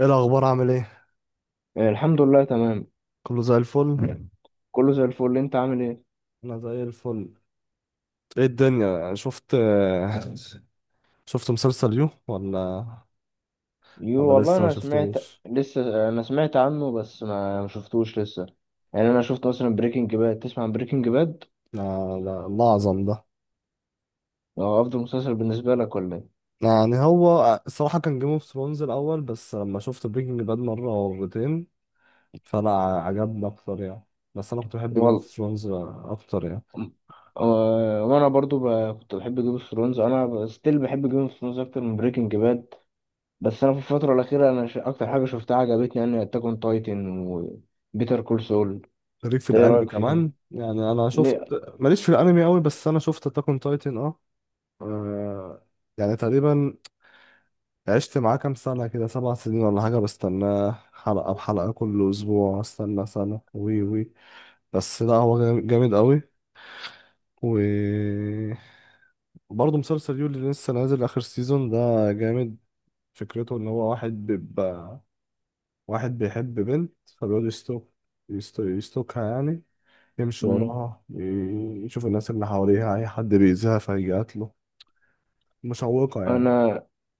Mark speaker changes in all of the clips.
Speaker 1: ايه الاخبار؟ عامل ايه؟
Speaker 2: آه، الحمد لله تمام.
Speaker 1: كله زي الفل.
Speaker 2: كله زي الفل، انت عامل ايه؟
Speaker 1: انا زي الفل. ايه الدنيا؟ شفت مسلسل يو ولا؟
Speaker 2: يو والله
Speaker 1: لسه ما
Speaker 2: انا سمعت.
Speaker 1: شفتوش.
Speaker 2: لسه انا سمعت عنه بس ما شفتوش لسه. يعني انا شفت مثلا بريكنج باد، تسمع عن بريكنج باد؟
Speaker 1: لا، لا، الله اعظم ده.
Speaker 2: هو افضل مسلسل بالنسبه لك ولا ايه؟
Speaker 1: يعني هو الصراحه كان جيم اوف ثرونز الاول، بس لما شفت بريكنج باد مره او مرتين، فلا، عجبني اكتر يعني. بس انا كنت بحب جيم اوف
Speaker 2: والله.
Speaker 1: ثرونز اكتر يعني.
Speaker 2: وانا برضو كنت بحب جيم اوف ثرونز. انا ستيل بحب جيم اوف ثرونز اكتر من بريكنج باد. بس انا في الفتره الاخيره انا اكتر حاجه شفتها عجبتني يعني اتاك اون تايتن وبيتر كول سول.
Speaker 1: ليك في
Speaker 2: ايه
Speaker 1: الانمي
Speaker 2: رايك فيهم؟
Speaker 1: كمان يعني، انا شفت.
Speaker 2: ليه؟
Speaker 1: ماليش في الانمي قوي، بس انا شفت اتاك اون تايتن، اه. آه، يعني تقريبا عشت معاه كام سنة كده، 7 سنين ولا حاجة، بستناه حلقة بحلقة كل أسبوع، استنى سنة. وي وي بس لا، هو جامد قوي. و برضه مسلسل يولي اللي لسه نازل آخر سيزون ده جامد. فكرته إن هو واحد بيبقى، واحد بيحب بنت فبيقعد يستوك، يستوكها يعني، يمشي وراها، يشوف الناس اللي حواليها، أي حد بيأذيها فيقتله، مشوقة يعني.
Speaker 2: انا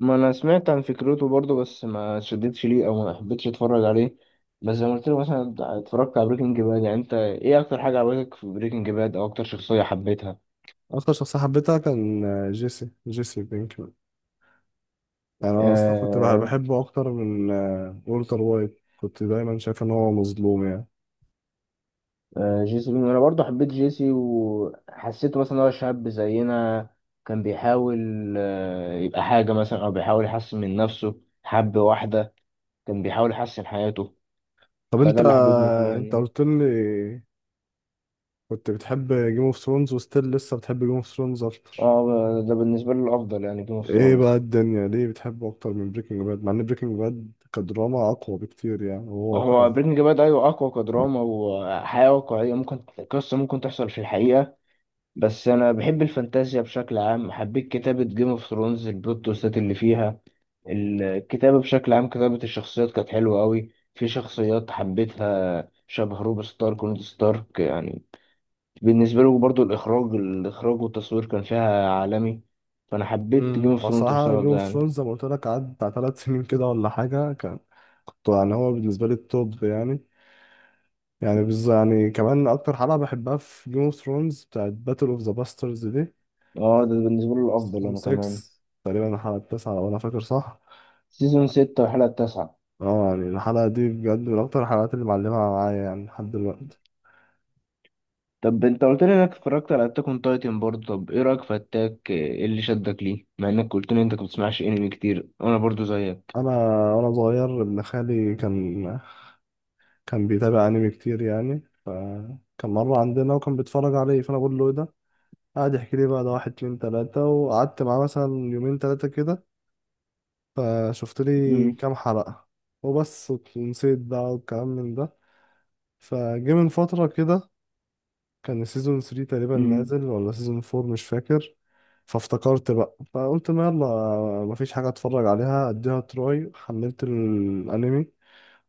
Speaker 2: ما انا سمعت عن فكرته برضو، بس ما شدتش ليه او ما حبيتش اتفرج عليه. بس زي ما قلت لك مثلا اتفرجت على بريكنج باد، يعني انت ايه اكتر حاجه عجبتك في بريكنج باد او اكتر شخصيه حبيتها؟
Speaker 1: أكتر شخصية حبيتها كان جيسي، بينك. يعني انا اصلا كنت
Speaker 2: آه
Speaker 1: بحبه اكتر من والتر وايت، كنت دايما شايف ان هو مظلوم يعني.
Speaker 2: آه، جيسي بينكمان. انا برضو حبيت جيسي وحسيته مثلا إن هو شاب زينا. كان بيحاول يبقى حاجه، مثلا او بيحاول يحسن من نفسه، حب واحده. كان بيحاول يحسن حياته.
Speaker 1: طب انت،
Speaker 2: فده اللي حببني فيه يعني.
Speaker 1: قلت لي كنت بتحب جيم اوف ثرونز وستيل لسه بتحب جيم اوف ثرونز اكتر.
Speaker 2: اه، ده بالنسبه لي الافضل يعني جيم اوف
Speaker 1: ايه بقى
Speaker 2: ثرونز.
Speaker 1: الدنيا ليه بتحبه اكتر من بريكنج باد مع ان بريكنج باد كدراما اقوى بكتير يعني، وهو
Speaker 2: هو
Speaker 1: واقعي.
Speaker 2: بريكنج باد ايوه اقوى كدراما وحياه واقعيه، ممكن قصه ممكن تحصل في الحقيقه. بس انا بحب الفانتازيا بشكل عام، حبيت كتابه جيم اوف ثرونز، البلوت تويستات اللي فيها، الكتابه بشكل عام، كتابه الشخصيات كانت حلوه قوي. في شخصيات حبيتها شبه روب ستارك ونيد ستارك يعني، بالنسبه له برضو. الاخراج، الاخراج والتصوير كان فيها عالمي. فانا حبيت جيم اوف ثرونز
Speaker 1: بصراحه جيم
Speaker 2: بسبب ده
Speaker 1: اوف
Speaker 2: يعني.
Speaker 1: ثرونز زي ما قلت لك قعد بتاع 3 سنين كده ولا حاجه، كان كنت يعني هو بالنسبه لي التوب يعني. يعني يعني كمان اكتر حلقه بحبها في جيم اوف ثرونز بتاعت باتل اوف ذا باسترز دي.
Speaker 2: اه، ده بالنسبه له الافضل
Speaker 1: سيزون
Speaker 2: انا
Speaker 1: 6
Speaker 2: كمان.
Speaker 1: تقريبا، الحلقة التاسعة لو أنا فاكر صح.
Speaker 2: سيزون 6 والحلقه التاسعة.
Speaker 1: اه يعني الحلقة دي بجد من أكتر الحلقات اللي معلمة معايا يعني لحد دلوقتي.
Speaker 2: طب انت قلت لي انك اتفرجت على اتاك اون تايتن برضه. طب ايه رايك في اتاك؟ ايه اللي شدك ليه مع انك قلت لي انت ما بتسمعش انمي كتير وانا برضه زيك؟
Speaker 1: أنا وأنا صغير، ابن خالي كان بيتابع أنمي كتير يعني، فكان مرة عندنا وكان بيتفرج عليه فأنا بقول له إيه ده، قعد يحكي لي بقى ده، واحد اتنين تلاتة، وقعدت معاه مثلا يومين تلاتة كده فشفت لي
Speaker 2: امم
Speaker 1: كام حلقة وبس ونسيت بقى والكلام من ده. فجه من فترة كده، كان سيزون 3 تقريبا
Speaker 2: امم
Speaker 1: نازل ولا سيزون 4 مش فاكر. فافتكرت بقى فقلت ما يلا، مفيش حاجة اتفرج عليها اديها تراي. حملت الانمي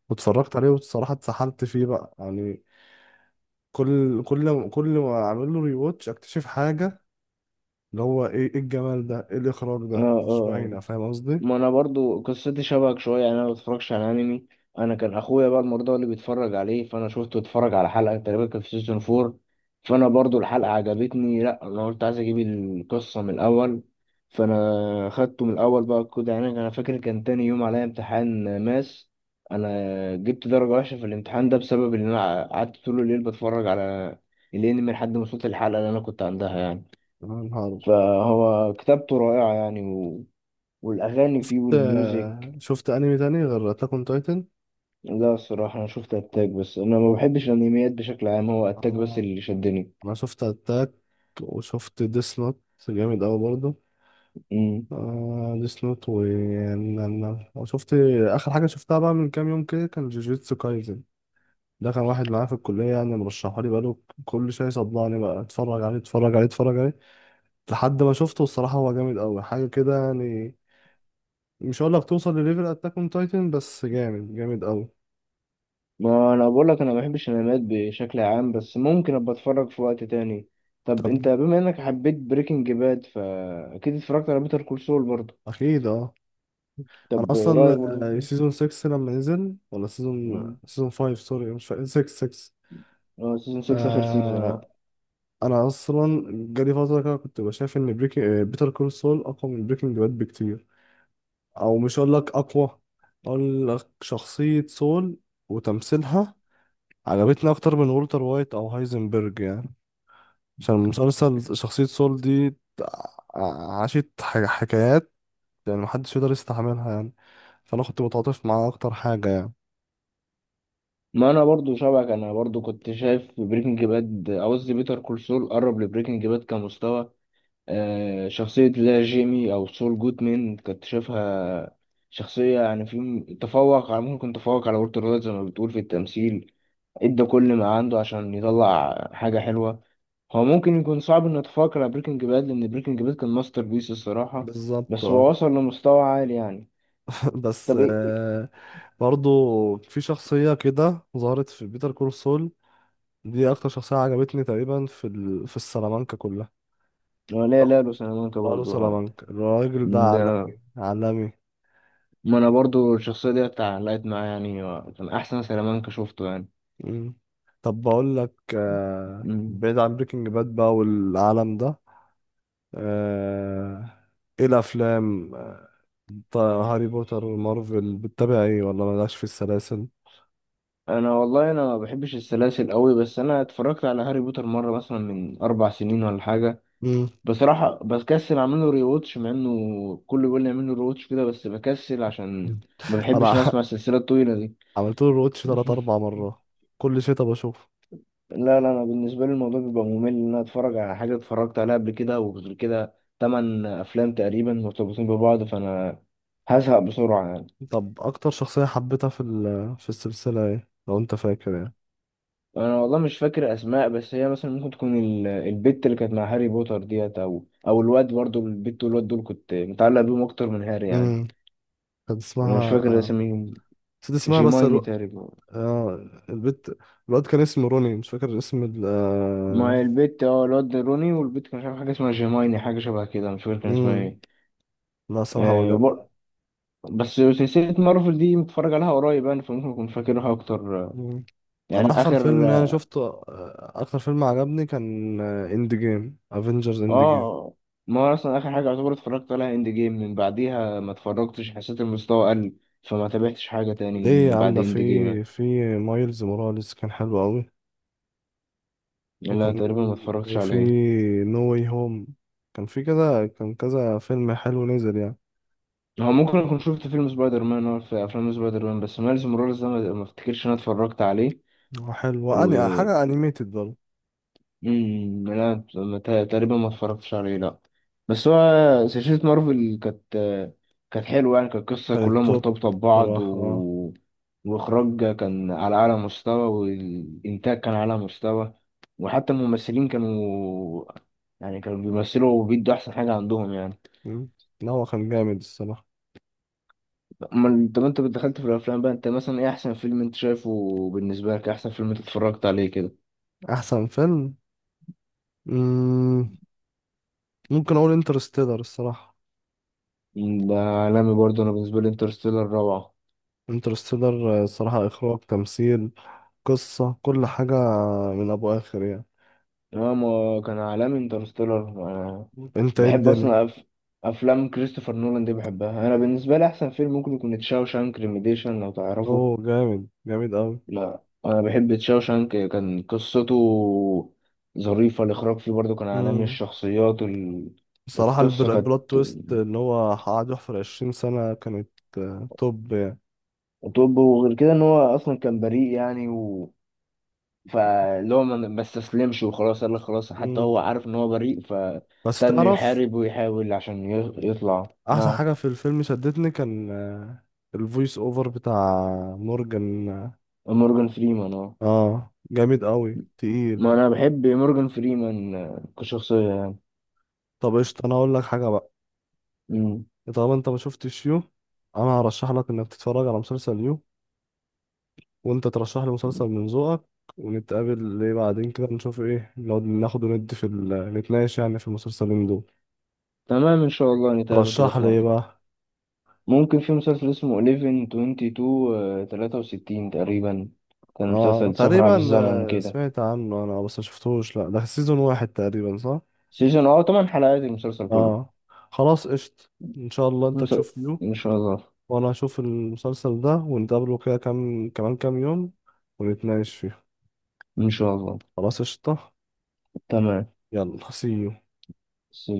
Speaker 1: واتفرجت عليه، والصراحة اتسحلت فيه بقى يعني. كل ما اعمل له ريواتش اكتشف حاجة، اللي هو ايه الجمال ده، ايه الاخراج
Speaker 2: اه
Speaker 1: ده، مش
Speaker 2: اه،
Speaker 1: باينة. فاهم قصدي؟
Speaker 2: ما انا برضو قصتي شبهك شويه، يعني انا ما بتفرجش على انمي. انا كان اخويا بقى المرضى اللي بيتفرج عليه، فانا شفته اتفرج على حلقه تقريبا، كان في سيزون فور. فانا برضو الحلقه عجبتني. لا، انا قلت عايز اجيب القصه من الاول. فانا خدته من الاول بقى كده يعني. انا فاكر كان تاني يوم عليا امتحان ماس، انا جبت درجه وحشه في الامتحان ده بسبب ان انا قعدت طول الليل بتفرج على الانمي لحد ما وصلت الحلقه اللي انا كنت عندها يعني.
Speaker 1: يا نهار.
Speaker 2: فهو كتابته رائعه يعني، والاغاني فيه
Speaker 1: شفت
Speaker 2: والميوزك.
Speaker 1: شفت انمي تاني غير اتاك اون تايتن؟
Speaker 2: لا، الصراحة أنا شفت أتاك، بس أنا ما بحبش الأنميات بشكل عام. هو أتاك بس
Speaker 1: انا
Speaker 2: اللي شدني.
Speaker 1: انا شفت اتاك وشفت ديس نوت، جامد قوي برضه.
Speaker 2: مم.
Speaker 1: آه ديس نوت. و يعني أنا شفت آخر حاجة شفتها بقى من كام يوم كده كان جوجيتسو كايزن. ده كان واحد معايا في الكلية يعني مرشحها لي بقاله، كل شوية يصدعني بقى، اتفرج عليه، اتفرج عليه، اتفرج عليه، لحد ما شفته. الصراحة هو جامد أوي حاجة كده يعني. مش هقول لك توصل لليفل أتاك أون تايتن، بس جامد جامد أوي.
Speaker 2: ما أنا بقولك أنا ما بحبش الأنميات بشكل عام، بس ممكن أبقى أتفرج في وقت تاني. طب
Speaker 1: طب
Speaker 2: أنت بما إنك حبيت بريكنج باد فأكيد اتفرجت على بيتر كول سول برضه.
Speaker 1: أكيد أه. أنا
Speaker 2: طب رأيك برضه
Speaker 1: أصلا سيزون 6 لما نزل، ولا سيزون،
Speaker 2: مم.
Speaker 1: 5، سوري مش فاكر، 6،
Speaker 2: أه، سيزون 6 آخر سيزون، أه.
Speaker 1: انا اصلا جالي فتره كده كنت بشايف ان بريكنج، بيتر كول سول اقوى من بريكنج باد بكتير. او مش هقول لك اقوى، هقول لك شخصيه سول وتمثيلها عجبتني اكتر من والتر وايت او هايزنبرج يعني. عشان مسلسل شخصيه سول دي عاشت حكايات يعني محدش يقدر يستحملها يعني، فانا كنت متعاطف معاها اكتر حاجه يعني.
Speaker 2: ما أنا برضه شبهك، أنا برضه كنت شايف بريكنج باد، قصدي بيتر كول سول قرب لبريكنج باد كمستوى. شخصية، لا جيمي أو سول جودمان كنت شايفها شخصية يعني في تفوق على، ممكن تفوق على وولتر وايت زي ما بتقول في التمثيل. ادى كل ما عنده عشان يطلع حاجة حلوة. هو ممكن يكون صعب إنه يتفوق على بريكنج باد لأن بريكنج باد كان ماستر بيس الصراحة.
Speaker 1: بالظبط
Speaker 2: بس هو
Speaker 1: اه.
Speaker 2: وصل لمستوى عالي يعني.
Speaker 1: بس
Speaker 2: طب إيه؟
Speaker 1: برضو في شخصية كده ظهرت في بيتر كول سول، دي اكتر شخصيه عجبتني تقريبا في في السلامانكا كلها.
Speaker 2: هو لا
Speaker 1: لقب
Speaker 2: لا، لوس سلامانكا
Speaker 1: لقب
Speaker 2: برضه أهو.
Speaker 1: سلامانكا الراجل ده عالمي.
Speaker 2: ده،
Speaker 1: عالمي.
Speaker 2: ما أنا برضه الشخصية دي اتعلقت معايا يعني. كان أحسن سلامانكا شفته.
Speaker 1: مم. طب بقول لك،
Speaker 2: يعني
Speaker 1: بعيد عن بريكنج باد بقى والعالم ده، آه... ايه الافلام، طيب، هاري بوتر ومارفل بتتابع ايه ولا مالكش في السلاسل؟
Speaker 2: والله انا ما بحبش السلاسل قوي. بس انا اتفرجت على هاري بوتر مره، مثلا من اربع سنين ولا حاجه.
Speaker 1: مم.
Speaker 2: بصراحه بكسل اعمل له ريواتش مع انه كله بيقول لي اعمل له ريواتش كده، بس بكسل عشان ما بحبش انا
Speaker 1: انا
Speaker 2: اسمع السلسله الطويله دي.
Speaker 1: عملت له روتش تلات اربع مرات، كل شتا بشوف.
Speaker 2: لا لا، انا بالنسبه لي الموضوع بيبقى ممل، ان انا اتفرج على حاجه اتفرجت عليها قبل كده، وغير كده تمن افلام تقريبا مرتبطين ببعض، فانا هزهق بسرعه يعني.
Speaker 1: طب اكتر شخصيه حبيتها في في السلسله ايه لو انت فاكر؟
Speaker 2: انا والله مش فاكر اسماء، بس هي مثلا ممكن تكون البت اللي كانت مع هاري بوتر ديت، او الواد برضه، البت والواد دول كنت متعلق بيهم اكتر من هاري يعني.
Speaker 1: يعني كانت
Speaker 2: انا مش
Speaker 1: اسمها،
Speaker 2: فاكر اساميهم.
Speaker 1: نسيت اسمها بس
Speaker 2: جيمايني تقريبا.
Speaker 1: آه... البت. الواد كان اسمه روني، مش فاكر اسم ال آه،
Speaker 2: مع البت، الواد روني، والبت كان مش عارف حاجه اسمها جيمايني، حاجه شبه كده، مش فاكر كان اسمها
Speaker 1: مم.
Speaker 2: ايه.
Speaker 1: لا صراحة هو
Speaker 2: آه وبر-
Speaker 1: جامد.
Speaker 2: بس سلسله مارفل دي متفرج عليها قريب يعني، فممكن اكون فاكرها اكتر.
Speaker 1: مم. أنا
Speaker 2: يعني
Speaker 1: أحسن
Speaker 2: اخر.
Speaker 1: فيلم يعني شفته، أكتر فيلم
Speaker 2: آه،
Speaker 1: عجبني كان إند جيم، افنجرز إند جيم.
Speaker 2: اه، ما هو اصلا اخر حاجه يعتبر اتفرجت عليها اند جيم. من بعديها ما اتفرجتش، حسيت المستوى قل، فما تابعتش حاجه تاني
Speaker 1: ليه يا
Speaker 2: من
Speaker 1: عم؟
Speaker 2: بعد
Speaker 1: ده في،
Speaker 2: اند جيم.
Speaker 1: في مايلز موراليس كان حلو أوي.
Speaker 2: لا،
Speaker 1: وكان
Speaker 2: تقريبا ما اتفرجتش
Speaker 1: وفي
Speaker 2: عليه.
Speaker 1: نو واي هوم، كان في كذا، كان كذا فيلم حلو نزل يعني.
Speaker 2: هو ممكن اكون شفت فيلم سبايدر مان، هو في افلام سبايدر مان بس ميلز موراليس ده ما افتكرش ان انا اتفرجت عليه.
Speaker 1: وحلو،
Speaker 2: و...
Speaker 1: وأني حاجة أنيميتد برضه.
Speaker 2: لا، ما تقريبا ما اتفرجتش عليه، لا. بس هو سلسلة مارفل كانت حلوة، يعني كانت قصة كلها
Speaker 1: كانت توب
Speaker 2: مرتبطة ببعض،
Speaker 1: صراحة آه.
Speaker 2: وإخراج كان على أعلى مستوى والإنتاج كان على أعلى مستوى. وحتى الممثلين كانوا، يعني كانوا بيمثلوا وبيدوا أحسن حاجة عندهم يعني.
Speaker 1: مم. لا هو كان جامد الصراحة.
Speaker 2: أمال طب أنت دخلت في الأفلام بقى، أنت مثلا إيه أحسن فيلم أنت شايفه؟ بالنسبة لك إيه أحسن فيلم أنت اتفرجت عليه كده؟
Speaker 1: أحسن فيلم، مم، ممكن أقول انترستيلر الصراحة.
Speaker 2: ده عالمي برضه. أنا بالنسبة لي انترستيلر روعة.
Speaker 1: انترستيلر الصراحة، إخراج، تمثيل، قصة، كل حاجة من أبو آخر يعني.
Speaker 2: اه، ما كان عالمي انترستيلر. انا
Speaker 1: مم. أنت إيه
Speaker 2: بحب
Speaker 1: الدنيا؟
Speaker 2: اصلا افلام كريستوفر نولان دي بحبها. انا بالنسبه لي احسن فيلم ممكن يكون تشاوشانك ريميديشن لو
Speaker 1: هو
Speaker 2: تعرفه.
Speaker 1: جامد جامد أوي.
Speaker 2: لا انا بحب تشاوشانك. كان قصته ظريفه، الاخراج فيه برضه كان عالمي.
Speaker 1: مم.
Speaker 2: الشخصيات
Speaker 1: بصراحة
Speaker 2: القصه كانت.
Speaker 1: البلوت تويست اللي هو قعد يحفر 20 سنة كانت توب يعني.
Speaker 2: طب وغير كده ان هو اصلا كان بريء يعني، فاللي هو ما استسلمش وخلاص، قال لك خلاص، حتى
Speaker 1: مم.
Speaker 2: هو عارف ان هو بريء،
Speaker 1: بس
Speaker 2: ابتدى انه
Speaker 1: تعرف،
Speaker 2: يحارب ويحاول عشان يطلع،
Speaker 1: أحسن
Speaker 2: نعم.
Speaker 1: حاجة في الفيلم شدتني كان الفويس أوفر بتاع مورجان.
Speaker 2: مورجان فريمان، اه.
Speaker 1: اه جامد قوي
Speaker 2: ما
Speaker 1: تقيل.
Speaker 2: انا بحب مورجان فريمان كشخصية يعني.
Speaker 1: طب قشطة انا اقول لك حاجة بقى،
Speaker 2: مم.
Speaker 1: طالما انت ما شفتش يو، انا هرشح لك انك تتفرج على مسلسل يو وانت ترشح لي مسلسل من ذوقك، ونتقابل ليه بعدين كده نشوف ايه لو ناخد وندي في نتناقش يعني في المسلسلين دول.
Speaker 2: تمام، ان شاء الله نتقابل كده
Speaker 1: ترشح
Speaker 2: في
Speaker 1: لي ايه
Speaker 2: مرة.
Speaker 1: بقى؟
Speaker 2: ممكن في مسلسل اسمه 11 22 وستين تقريبا، كان
Speaker 1: اه
Speaker 2: مسلسل سفر عبر
Speaker 1: تقريبا.
Speaker 2: الزمن كده.
Speaker 1: سمعت عنه انا بس ما شفتوش، لا ده سيزون 1 تقريبا صح؟
Speaker 2: سيزون 8 حلقات المسلسل كله.
Speaker 1: اه خلاص قشطة. ان شاء الله انت
Speaker 2: مس...
Speaker 1: تشوف يو
Speaker 2: ان شاء الله.
Speaker 1: وانا اشوف المسلسل ده، ونتقابله كده كام كمان كام يوم ونتناقش فيه.
Speaker 2: ان شاء الله.
Speaker 1: خلاص قشطة.
Speaker 2: تمام.
Speaker 1: يلا سي.
Speaker 2: سي.